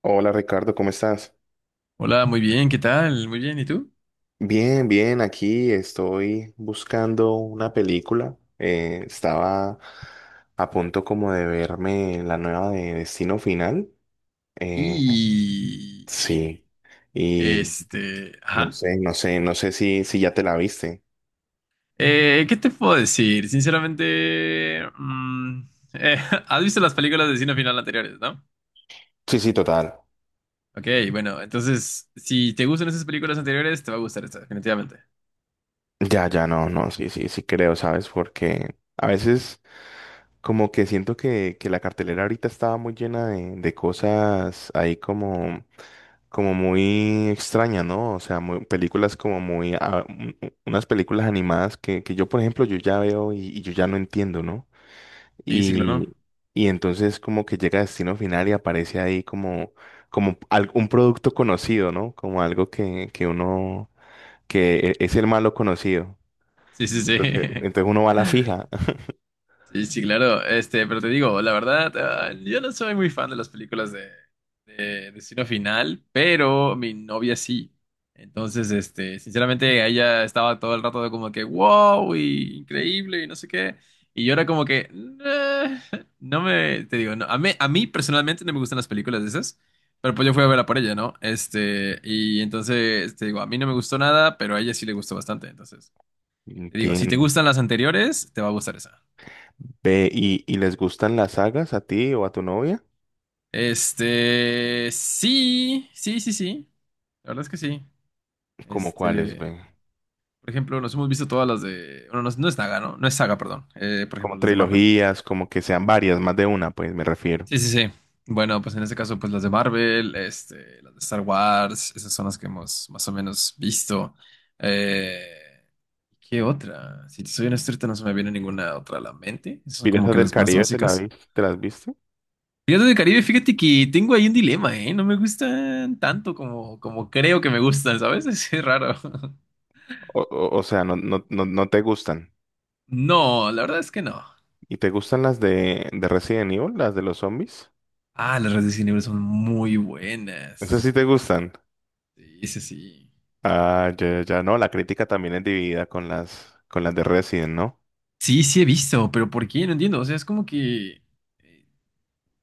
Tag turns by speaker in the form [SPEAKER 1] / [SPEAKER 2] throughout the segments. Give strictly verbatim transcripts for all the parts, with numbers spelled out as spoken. [SPEAKER 1] Hola Ricardo, ¿cómo estás?
[SPEAKER 2] Hola, muy bien, ¿qué tal? Muy bien, ¿y tú?
[SPEAKER 1] Bien, bien, aquí estoy buscando una película. Eh, estaba a punto como de verme la nueva de Destino Final. Eh,
[SPEAKER 2] Y
[SPEAKER 1] sí, y
[SPEAKER 2] este,
[SPEAKER 1] no
[SPEAKER 2] ajá.
[SPEAKER 1] sé, no sé, no sé si, si ya te la viste.
[SPEAKER 2] Eh, ¿qué te puedo decir? Sinceramente, mm, eh, has visto las películas de Destino Final anteriores, ¿no?
[SPEAKER 1] Sí, sí, total.
[SPEAKER 2] Ok, bueno, entonces, si te gustan esas películas anteriores, te va a gustar esta, definitivamente.
[SPEAKER 1] Ya, ya, no, no, sí, sí, sí creo, ¿sabes? Porque a veces... Como que siento que, que la cartelera ahorita estaba muy llena de, de cosas ahí como, como muy extrañas, ¿no? O sea, muy- películas como muy... ah, un- un- unas películas animadas que, que yo, por ejemplo, yo ya veo y, y yo ya no entiendo, ¿no?
[SPEAKER 2] Sí, sí, claro.
[SPEAKER 1] Y, y entonces como que llega a Destino Final y aparece ahí como, como al- un producto conocido, ¿no? Como algo que, que uno... que e- es el malo conocido.
[SPEAKER 2] Sí, sí, sí.
[SPEAKER 1] Entonces, entonces uno va a la fija.
[SPEAKER 2] Sí, sí, claro. Este, pero te digo, la verdad, ah, yo no soy muy fan de las películas de eh, Destino Final, pero mi novia sí. Entonces, este, sinceramente, ella estaba todo el rato de como que, wow, y increíble, y no sé qué. Y yo era como que, "Nah", no me, te digo, no, a mí, a mí personalmente no me gustan las películas de esas, pero pues yo fui a verla por ella, ¿no? Este, y entonces, te digo, a mí no me gustó nada, pero a ella sí le gustó bastante. Entonces, te digo, si te
[SPEAKER 1] Entiendo.
[SPEAKER 2] gustan las anteriores, te va a gustar esa.
[SPEAKER 1] Ve, ¿y, y les gustan las sagas a ti o a tu novia?
[SPEAKER 2] Este, sí, sí, sí, sí. La verdad es que sí.
[SPEAKER 1] ¿Como cuáles,
[SPEAKER 2] Este,
[SPEAKER 1] ve?
[SPEAKER 2] por ejemplo, nos hemos visto todas las de. Bueno, no, es no es saga, ¿no? No es saga, perdón. Eh, por
[SPEAKER 1] Como
[SPEAKER 2] ejemplo, las de Marvel.
[SPEAKER 1] trilogías, como que sean varias, más de una, pues me refiero.
[SPEAKER 2] Sí, sí, sí. Bueno, pues en este caso, pues las de Marvel, este, las de Star Wars, esas son las que hemos más o menos visto. Eh, ¿qué otra? Si te soy honesto, ahorita no se me viene ninguna otra a la mente. Esas son como
[SPEAKER 1] ¿Piratas
[SPEAKER 2] que
[SPEAKER 1] del
[SPEAKER 2] las más
[SPEAKER 1] Caribe te la
[SPEAKER 2] básicas.
[SPEAKER 1] vis- te las viste?
[SPEAKER 2] Piratas de Caribe, fíjate que tengo ahí un dilema, ¿eh? No me gustan tanto como, como creo que me gustan, ¿sabes? Es raro.
[SPEAKER 1] O, o- o sea, no, no, no, no te gustan.
[SPEAKER 2] No, la verdad es que no.
[SPEAKER 1] ¿Y te gustan las de, de Resident Evil, las de los zombies?
[SPEAKER 2] Ah, las redes de Cine son muy
[SPEAKER 1] Esas
[SPEAKER 2] buenas.
[SPEAKER 1] sí te gustan.
[SPEAKER 2] Sí, sí, sí.
[SPEAKER 1] Ah, ya, ya, ya, no, la crítica también es dividida con las, con las de Resident, ¿no?
[SPEAKER 2] Sí, sí he visto, pero ¿por qué? No entiendo. O sea, es como que eh,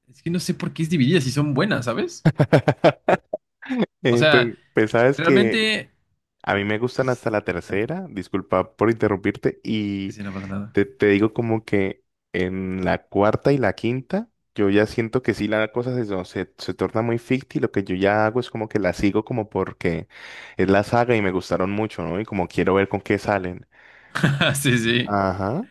[SPEAKER 2] es que no sé por qué es dividida si son buenas, ¿sabes? O
[SPEAKER 1] Eh, pues,
[SPEAKER 2] sea,
[SPEAKER 1] pues sabes que
[SPEAKER 2] realmente
[SPEAKER 1] a mí me gustan
[SPEAKER 2] is-
[SPEAKER 1] hasta la
[SPEAKER 2] ah,
[SPEAKER 1] tercera, disculpa por interrumpirte,
[SPEAKER 2] sí,
[SPEAKER 1] y
[SPEAKER 2] sí, no pasa nada.
[SPEAKER 1] Te, te digo como que en la cuarta y la quinta, yo ya siento que sí la cosa se, no, se, se torna muy ficti. Lo que yo ya hago es como que la sigo como porque es la saga y me gustaron mucho, ¿no? Y como quiero ver con qué salen.
[SPEAKER 2] Sí, sí.
[SPEAKER 1] Ajá,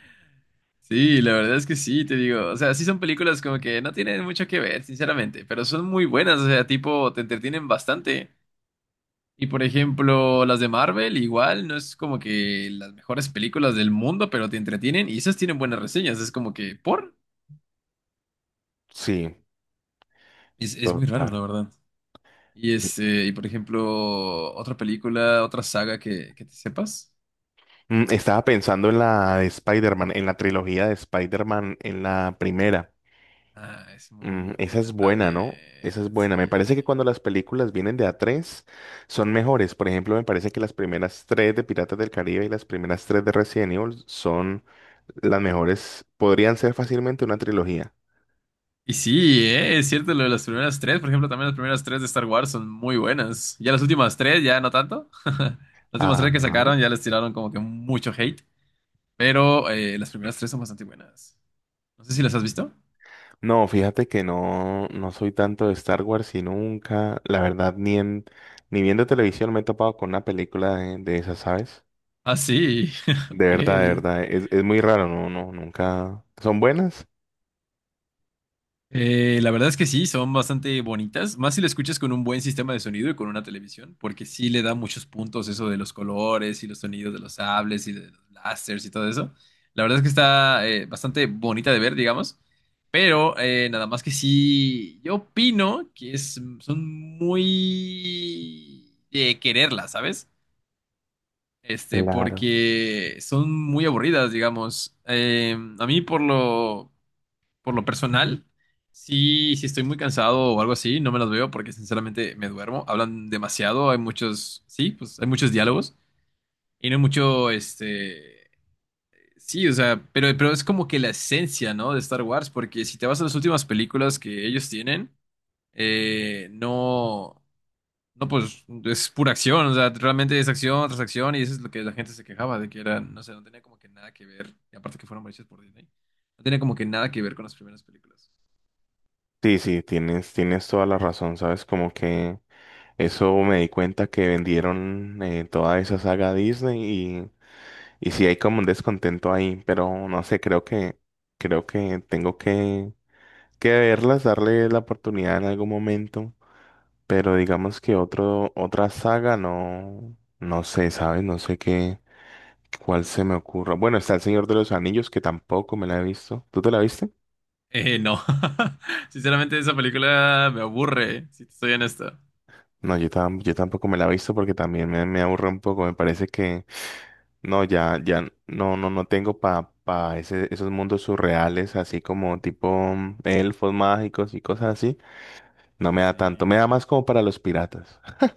[SPEAKER 2] Sí, la verdad es que sí, te digo. O sea, sí son películas como que no tienen mucho que ver, sinceramente, pero son muy buenas. O sea, tipo, te entretienen bastante. Y por ejemplo, las de Marvel, igual, no es como que las mejores películas del mundo, pero te entretienen y esas tienen buenas reseñas. Es como que, ¿por?
[SPEAKER 1] sí,
[SPEAKER 2] Es, es muy raro,
[SPEAKER 1] total.
[SPEAKER 2] la verdad. Y este, y por ejemplo, otra película, otra saga que, que te sepas.
[SPEAKER 1] Mm, estaba pensando en la de Spider-Man, en la trilogía de Spider-Man, en la primera.
[SPEAKER 2] Ah, es muy
[SPEAKER 1] Mm, esa es
[SPEAKER 2] buena
[SPEAKER 1] buena, ¿no? Esa es
[SPEAKER 2] también,
[SPEAKER 1] buena. Me parece que
[SPEAKER 2] sí.
[SPEAKER 1] cuando las películas vienen de a tres son mejores. Por ejemplo, me parece que las primeras tres de Piratas del Caribe y las primeras tres de Resident Evil son las mejores. Podrían ser fácilmente una trilogía.
[SPEAKER 2] Y sí, eh, es cierto, lo de las primeras tres, por ejemplo, también las primeras tres de Star Wars son muy buenas. Ya las últimas tres, ya no tanto. Las últimas tres que
[SPEAKER 1] Ajá.
[SPEAKER 2] sacaron ya les tiraron como que mucho hate, pero eh, las primeras tres son bastante buenas. No sé si las has visto.
[SPEAKER 1] No, fíjate que no, no soy tanto de Star Wars y nunca, la verdad, ni en, ni viendo televisión me he topado con una película de, de esas, ¿sabes?
[SPEAKER 2] Ah, sí,
[SPEAKER 1] De verdad, de
[SPEAKER 2] ok.
[SPEAKER 1] verdad. Es, es muy raro, no, no, nunca. ¿Son buenas?
[SPEAKER 2] Eh, la verdad es que sí, son bastante bonitas, más si lo escuchas con un buen sistema de sonido y con una televisión, porque sí le da muchos puntos eso de los colores y los sonidos de los sables y de los láseres y todo eso. La verdad es que está eh, bastante bonita de ver, digamos, pero eh, nada más que sí, yo opino que es, son muy de quererlas, ¿sabes? Este,
[SPEAKER 1] Claro.
[SPEAKER 2] porque son muy aburridas, digamos. Eh, a mí por lo por lo personal, sí, si estoy muy cansado o algo así, no me las veo porque sinceramente me duermo. Hablan demasiado, hay muchos, sí, pues hay muchos diálogos y no hay mucho, este, sí, o sea, pero, pero es como que la esencia, ¿no? De Star Wars, porque si te vas a las últimas películas que ellos tienen, eh, no, no, pues es pura acción, o sea, realmente es acción tras acción y eso es lo que la gente se quejaba de que era, no sé, no tenía como que nada que ver, y aparte que fueron hechas por Disney, no tenía como que nada que ver con las primeras películas.
[SPEAKER 1] Sí, sí, tienes, tienes toda la razón, ¿sabes? Como que eso me di cuenta que vendieron eh, toda esa saga a Disney y, y sí hay como un descontento ahí, pero no sé, creo que, creo que tengo que, que verlas, darle la oportunidad en algún momento, pero digamos que otro, otra saga no, no sé, ¿sabes? No sé qué, cuál se me ocurra. Bueno, está El Señor de los Anillos, que tampoco me la he visto. ¿Tú te la viste?
[SPEAKER 2] Eh, no. Sinceramente, esa película me aburre, si te soy honesto.
[SPEAKER 1] No, yo, tam- yo tampoco me la he visto porque también me, me aburre un poco. Me parece que no, ya, ya, no, no, no tengo pa, pa ese, esos mundos surreales, así como tipo mm, elfos mágicos y cosas así. No
[SPEAKER 2] Sí,
[SPEAKER 1] me da tanto,
[SPEAKER 2] sí.
[SPEAKER 1] me da más como para los piratas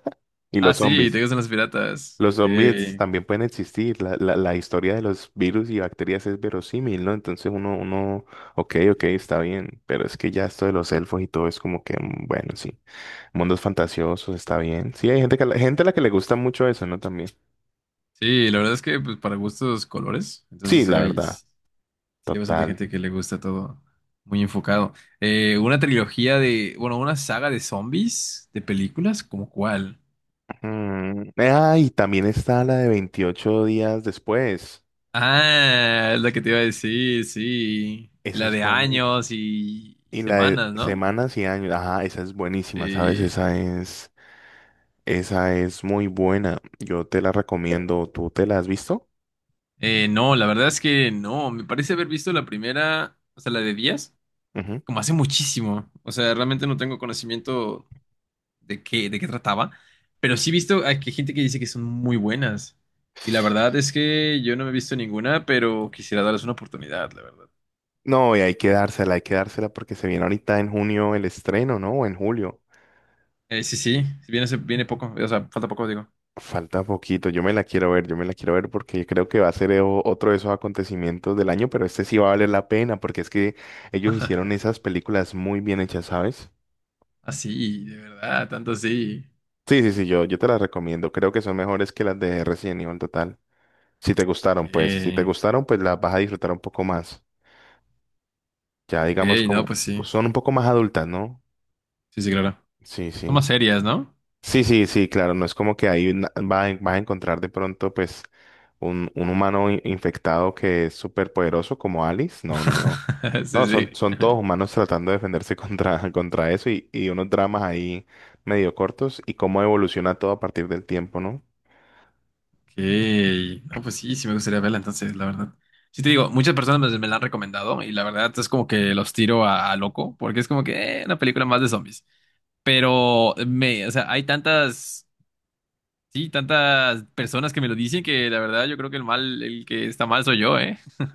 [SPEAKER 1] y
[SPEAKER 2] Ah,
[SPEAKER 1] los
[SPEAKER 2] sí,
[SPEAKER 1] zombies.
[SPEAKER 2] te gustan los piratas.
[SPEAKER 1] Los
[SPEAKER 2] Ok.
[SPEAKER 1] zombies
[SPEAKER 2] Sí,
[SPEAKER 1] también pueden existir, la, la, la historia de los virus y bacterias es verosímil, ¿no? Entonces uno, uno, ok, ok, está bien, pero es que ya esto de los elfos y todo es como que, mm, bueno, sí, mundos fantasiosos, está bien. Sí, hay gente que, gente a la que le gusta mucho eso, ¿no? También.
[SPEAKER 2] sí, la verdad es que pues, para gustos colores.
[SPEAKER 1] Sí,
[SPEAKER 2] Entonces sí
[SPEAKER 1] la
[SPEAKER 2] hay,
[SPEAKER 1] verdad,
[SPEAKER 2] sí hay bastante
[SPEAKER 1] total.
[SPEAKER 2] gente que le gusta todo muy enfocado. Eh, una trilogía de, bueno, una saga de zombies, de películas, ¿como cuál?
[SPEAKER 1] Mm, ah, y también está la de veintiocho días después.
[SPEAKER 2] Ah, es la que te iba a decir, sí. Y
[SPEAKER 1] Esa
[SPEAKER 2] la
[SPEAKER 1] es
[SPEAKER 2] de
[SPEAKER 1] buena.
[SPEAKER 2] años y, y
[SPEAKER 1] Y la de
[SPEAKER 2] semanas, ¿no?
[SPEAKER 1] semanas y años. Ajá, esa es buenísima, ¿sabes?
[SPEAKER 2] Sí.
[SPEAKER 1] Esa es, esa es muy buena. Yo te la recomiendo. ¿Tú te la has visto?
[SPEAKER 2] Eh, no, la verdad es que no. Me parece haber visto la primera, o sea, la de Díaz,
[SPEAKER 1] Ujú.
[SPEAKER 2] como hace muchísimo. O sea, realmente no tengo conocimiento de qué, de qué trataba. Pero sí he visto a que gente que dice que son muy buenas. Y la verdad es que yo no me he visto ninguna, pero quisiera darles una oportunidad, la verdad.
[SPEAKER 1] No, y hay que dársela, hay que dársela porque se viene ahorita en junio el estreno, ¿no? O en julio.
[SPEAKER 2] Eh, sí, sí, viene, hace- viene poco. O sea, falta poco, digo.
[SPEAKER 1] Falta poquito. Yo me la quiero ver, yo me la quiero ver porque creo que va a ser eh, o- otro de esos acontecimientos del año, pero este sí va a valer la pena porque es que ellos hicieron esas películas muy bien hechas, ¿sabes?
[SPEAKER 2] Así, de verdad, tanto así.
[SPEAKER 1] Sí, sí, sí, yo, yo te las recomiendo. Creo que son mejores que las de Resident Evil Total. Si te gustaron,
[SPEAKER 2] Ok,
[SPEAKER 1] pues, si te gustaron, pues las vas a disfrutar un poco más. Ya digamos
[SPEAKER 2] ok, no,
[SPEAKER 1] como
[SPEAKER 2] pues sí.
[SPEAKER 1] son un poco más adultas, ¿no?
[SPEAKER 2] Sí, sí, claro.
[SPEAKER 1] Sí,
[SPEAKER 2] Son más
[SPEAKER 1] sí.
[SPEAKER 2] serias, ¿no?
[SPEAKER 1] Sí, sí, sí, claro. No es como que ahí na- va a- vas a encontrar de pronto, pues, un, un humano in- infectado que es súper poderoso como Alice. No, no, no.
[SPEAKER 2] Sí,
[SPEAKER 1] No, son,
[SPEAKER 2] sí.
[SPEAKER 1] son todos humanos tratando de defenderse contra, contra eso y, y unos dramas ahí medio cortos y cómo evoluciona todo a partir del tiempo, ¿no?
[SPEAKER 2] Ok. No, pues sí, sí me gustaría verla, entonces, la verdad. Sí te digo, muchas personas me, me la han recomendado y la verdad es como que los tiro a, a loco, porque es como que eh, una película más de zombies. Pero eh, me, o sea, hay tantas, sí, tantas personas que me lo dicen que la verdad yo creo que el mal, el que está mal soy yo, ¿eh?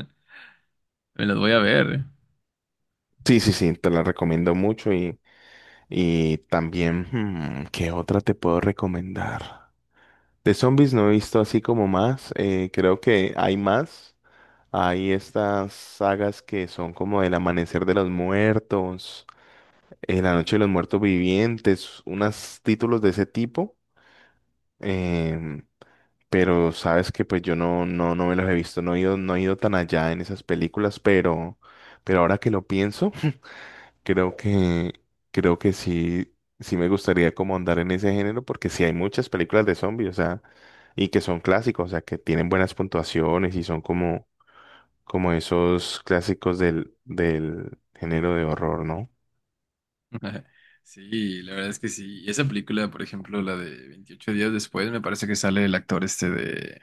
[SPEAKER 2] Me las voy a ver.
[SPEAKER 1] Sí, sí, sí, te la recomiendo mucho y, y también, hmm, ¿qué otra te puedo recomendar? De zombies no he visto así como más, eh, creo que hay más. Hay estas sagas que son como El Amanecer de los Muertos, eh, La Noche de los Muertos Vivientes, unos títulos de ese tipo. em, pero sabes que pues yo no, no, no me los he visto, no he ido, no he ido tan allá en esas películas, pero, pero ahora que lo pienso. Creo que, creo que sí, sí me gustaría como andar en ese género porque sí hay muchas películas de zombies, o sea, y que son clásicos, o sea, que tienen buenas puntuaciones y son como, como esos clásicos del, del género de horror, ¿no?
[SPEAKER 2] Sí, la verdad es que sí. Y esa película, por ejemplo, la de Veintiocho días después, me parece que sale el actor este de...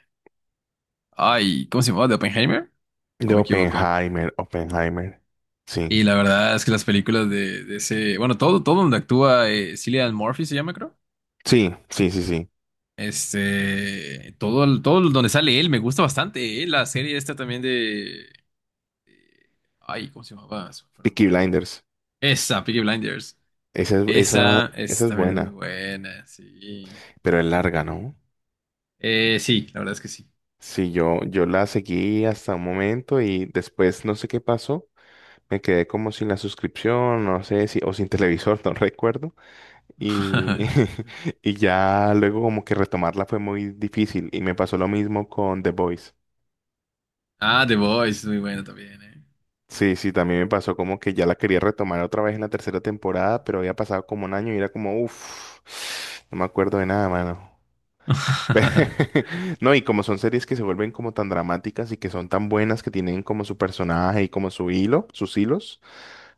[SPEAKER 2] Ay, ¿cómo se llamaba? ¿De Oppenheimer? ¿O
[SPEAKER 1] De
[SPEAKER 2] me equivoco?
[SPEAKER 1] Oppenheimer, Oppenheimer. Sí,
[SPEAKER 2] Y la verdad es que las películas de, de ese, bueno, todo, todo donde actúa eh, Cillian Murphy se llama, creo.
[SPEAKER 1] sí, sí, sí, sí.
[SPEAKER 2] Este, todo, el- todo el- donde sale él me gusta bastante. eh. La serie esta también de, ay, ¿cómo se llamaba? Se me fue el
[SPEAKER 1] Peaky
[SPEAKER 2] nombre.
[SPEAKER 1] Blinders.
[SPEAKER 2] Esa, Peaky Blinders.
[SPEAKER 1] Esa es, esa,
[SPEAKER 2] Esa, es
[SPEAKER 1] esa es
[SPEAKER 2] también es muy
[SPEAKER 1] buena,
[SPEAKER 2] buena, sí.
[SPEAKER 1] pero es larga, ¿no?
[SPEAKER 2] Eh, sí, la verdad es que sí.
[SPEAKER 1] Sí, yo, yo la seguí hasta un momento y después no sé qué pasó. Me quedé como sin la suscripción, no sé si, o sin televisor, no recuerdo. Y, y ya luego como que retomarla fue muy difícil. Y me pasó lo mismo con The Voice.
[SPEAKER 2] Ah, The Voice es muy buena también, eh.
[SPEAKER 1] Sí, sí, también me pasó como que ya la quería retomar otra vez en la tercera temporada, pero había pasado como un año y era como, uff, no me acuerdo de nada, mano. No, y como son series que se vuelven como tan dramáticas y que son tan buenas que tienen como su personaje y como su hilo, sus hilos,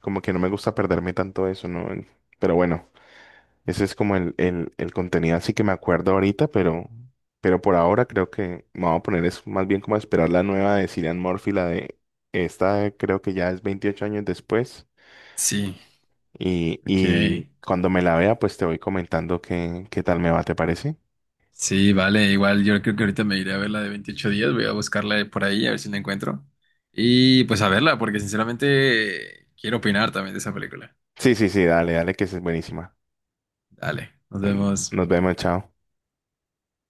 [SPEAKER 1] como que no me gusta perderme tanto eso, ¿no? Pero bueno. Ese es como el, el, el contenido así que me acuerdo ahorita, pero, pero por ahora creo que me voy a poner es más bien como a esperar la nueva de Cillian Murphy, la de esta creo que ya es veintiocho años después.
[SPEAKER 2] Sí,
[SPEAKER 1] Y,
[SPEAKER 2] ok.
[SPEAKER 1] y cuando me la vea, pues te voy comentando qué, qué tal me va, ¿te parece?
[SPEAKER 2] Sí, vale, igual yo creo que ahorita me iré a ver la de veintiocho días, voy a buscarla por ahí a ver si la encuentro. Y pues a verla, porque sinceramente quiero opinar también de esa película.
[SPEAKER 1] Sí, sí, sí, dale, dale, que es buenísima.
[SPEAKER 2] Dale, nos
[SPEAKER 1] Mm,
[SPEAKER 2] vemos.
[SPEAKER 1] nos vemos, chao.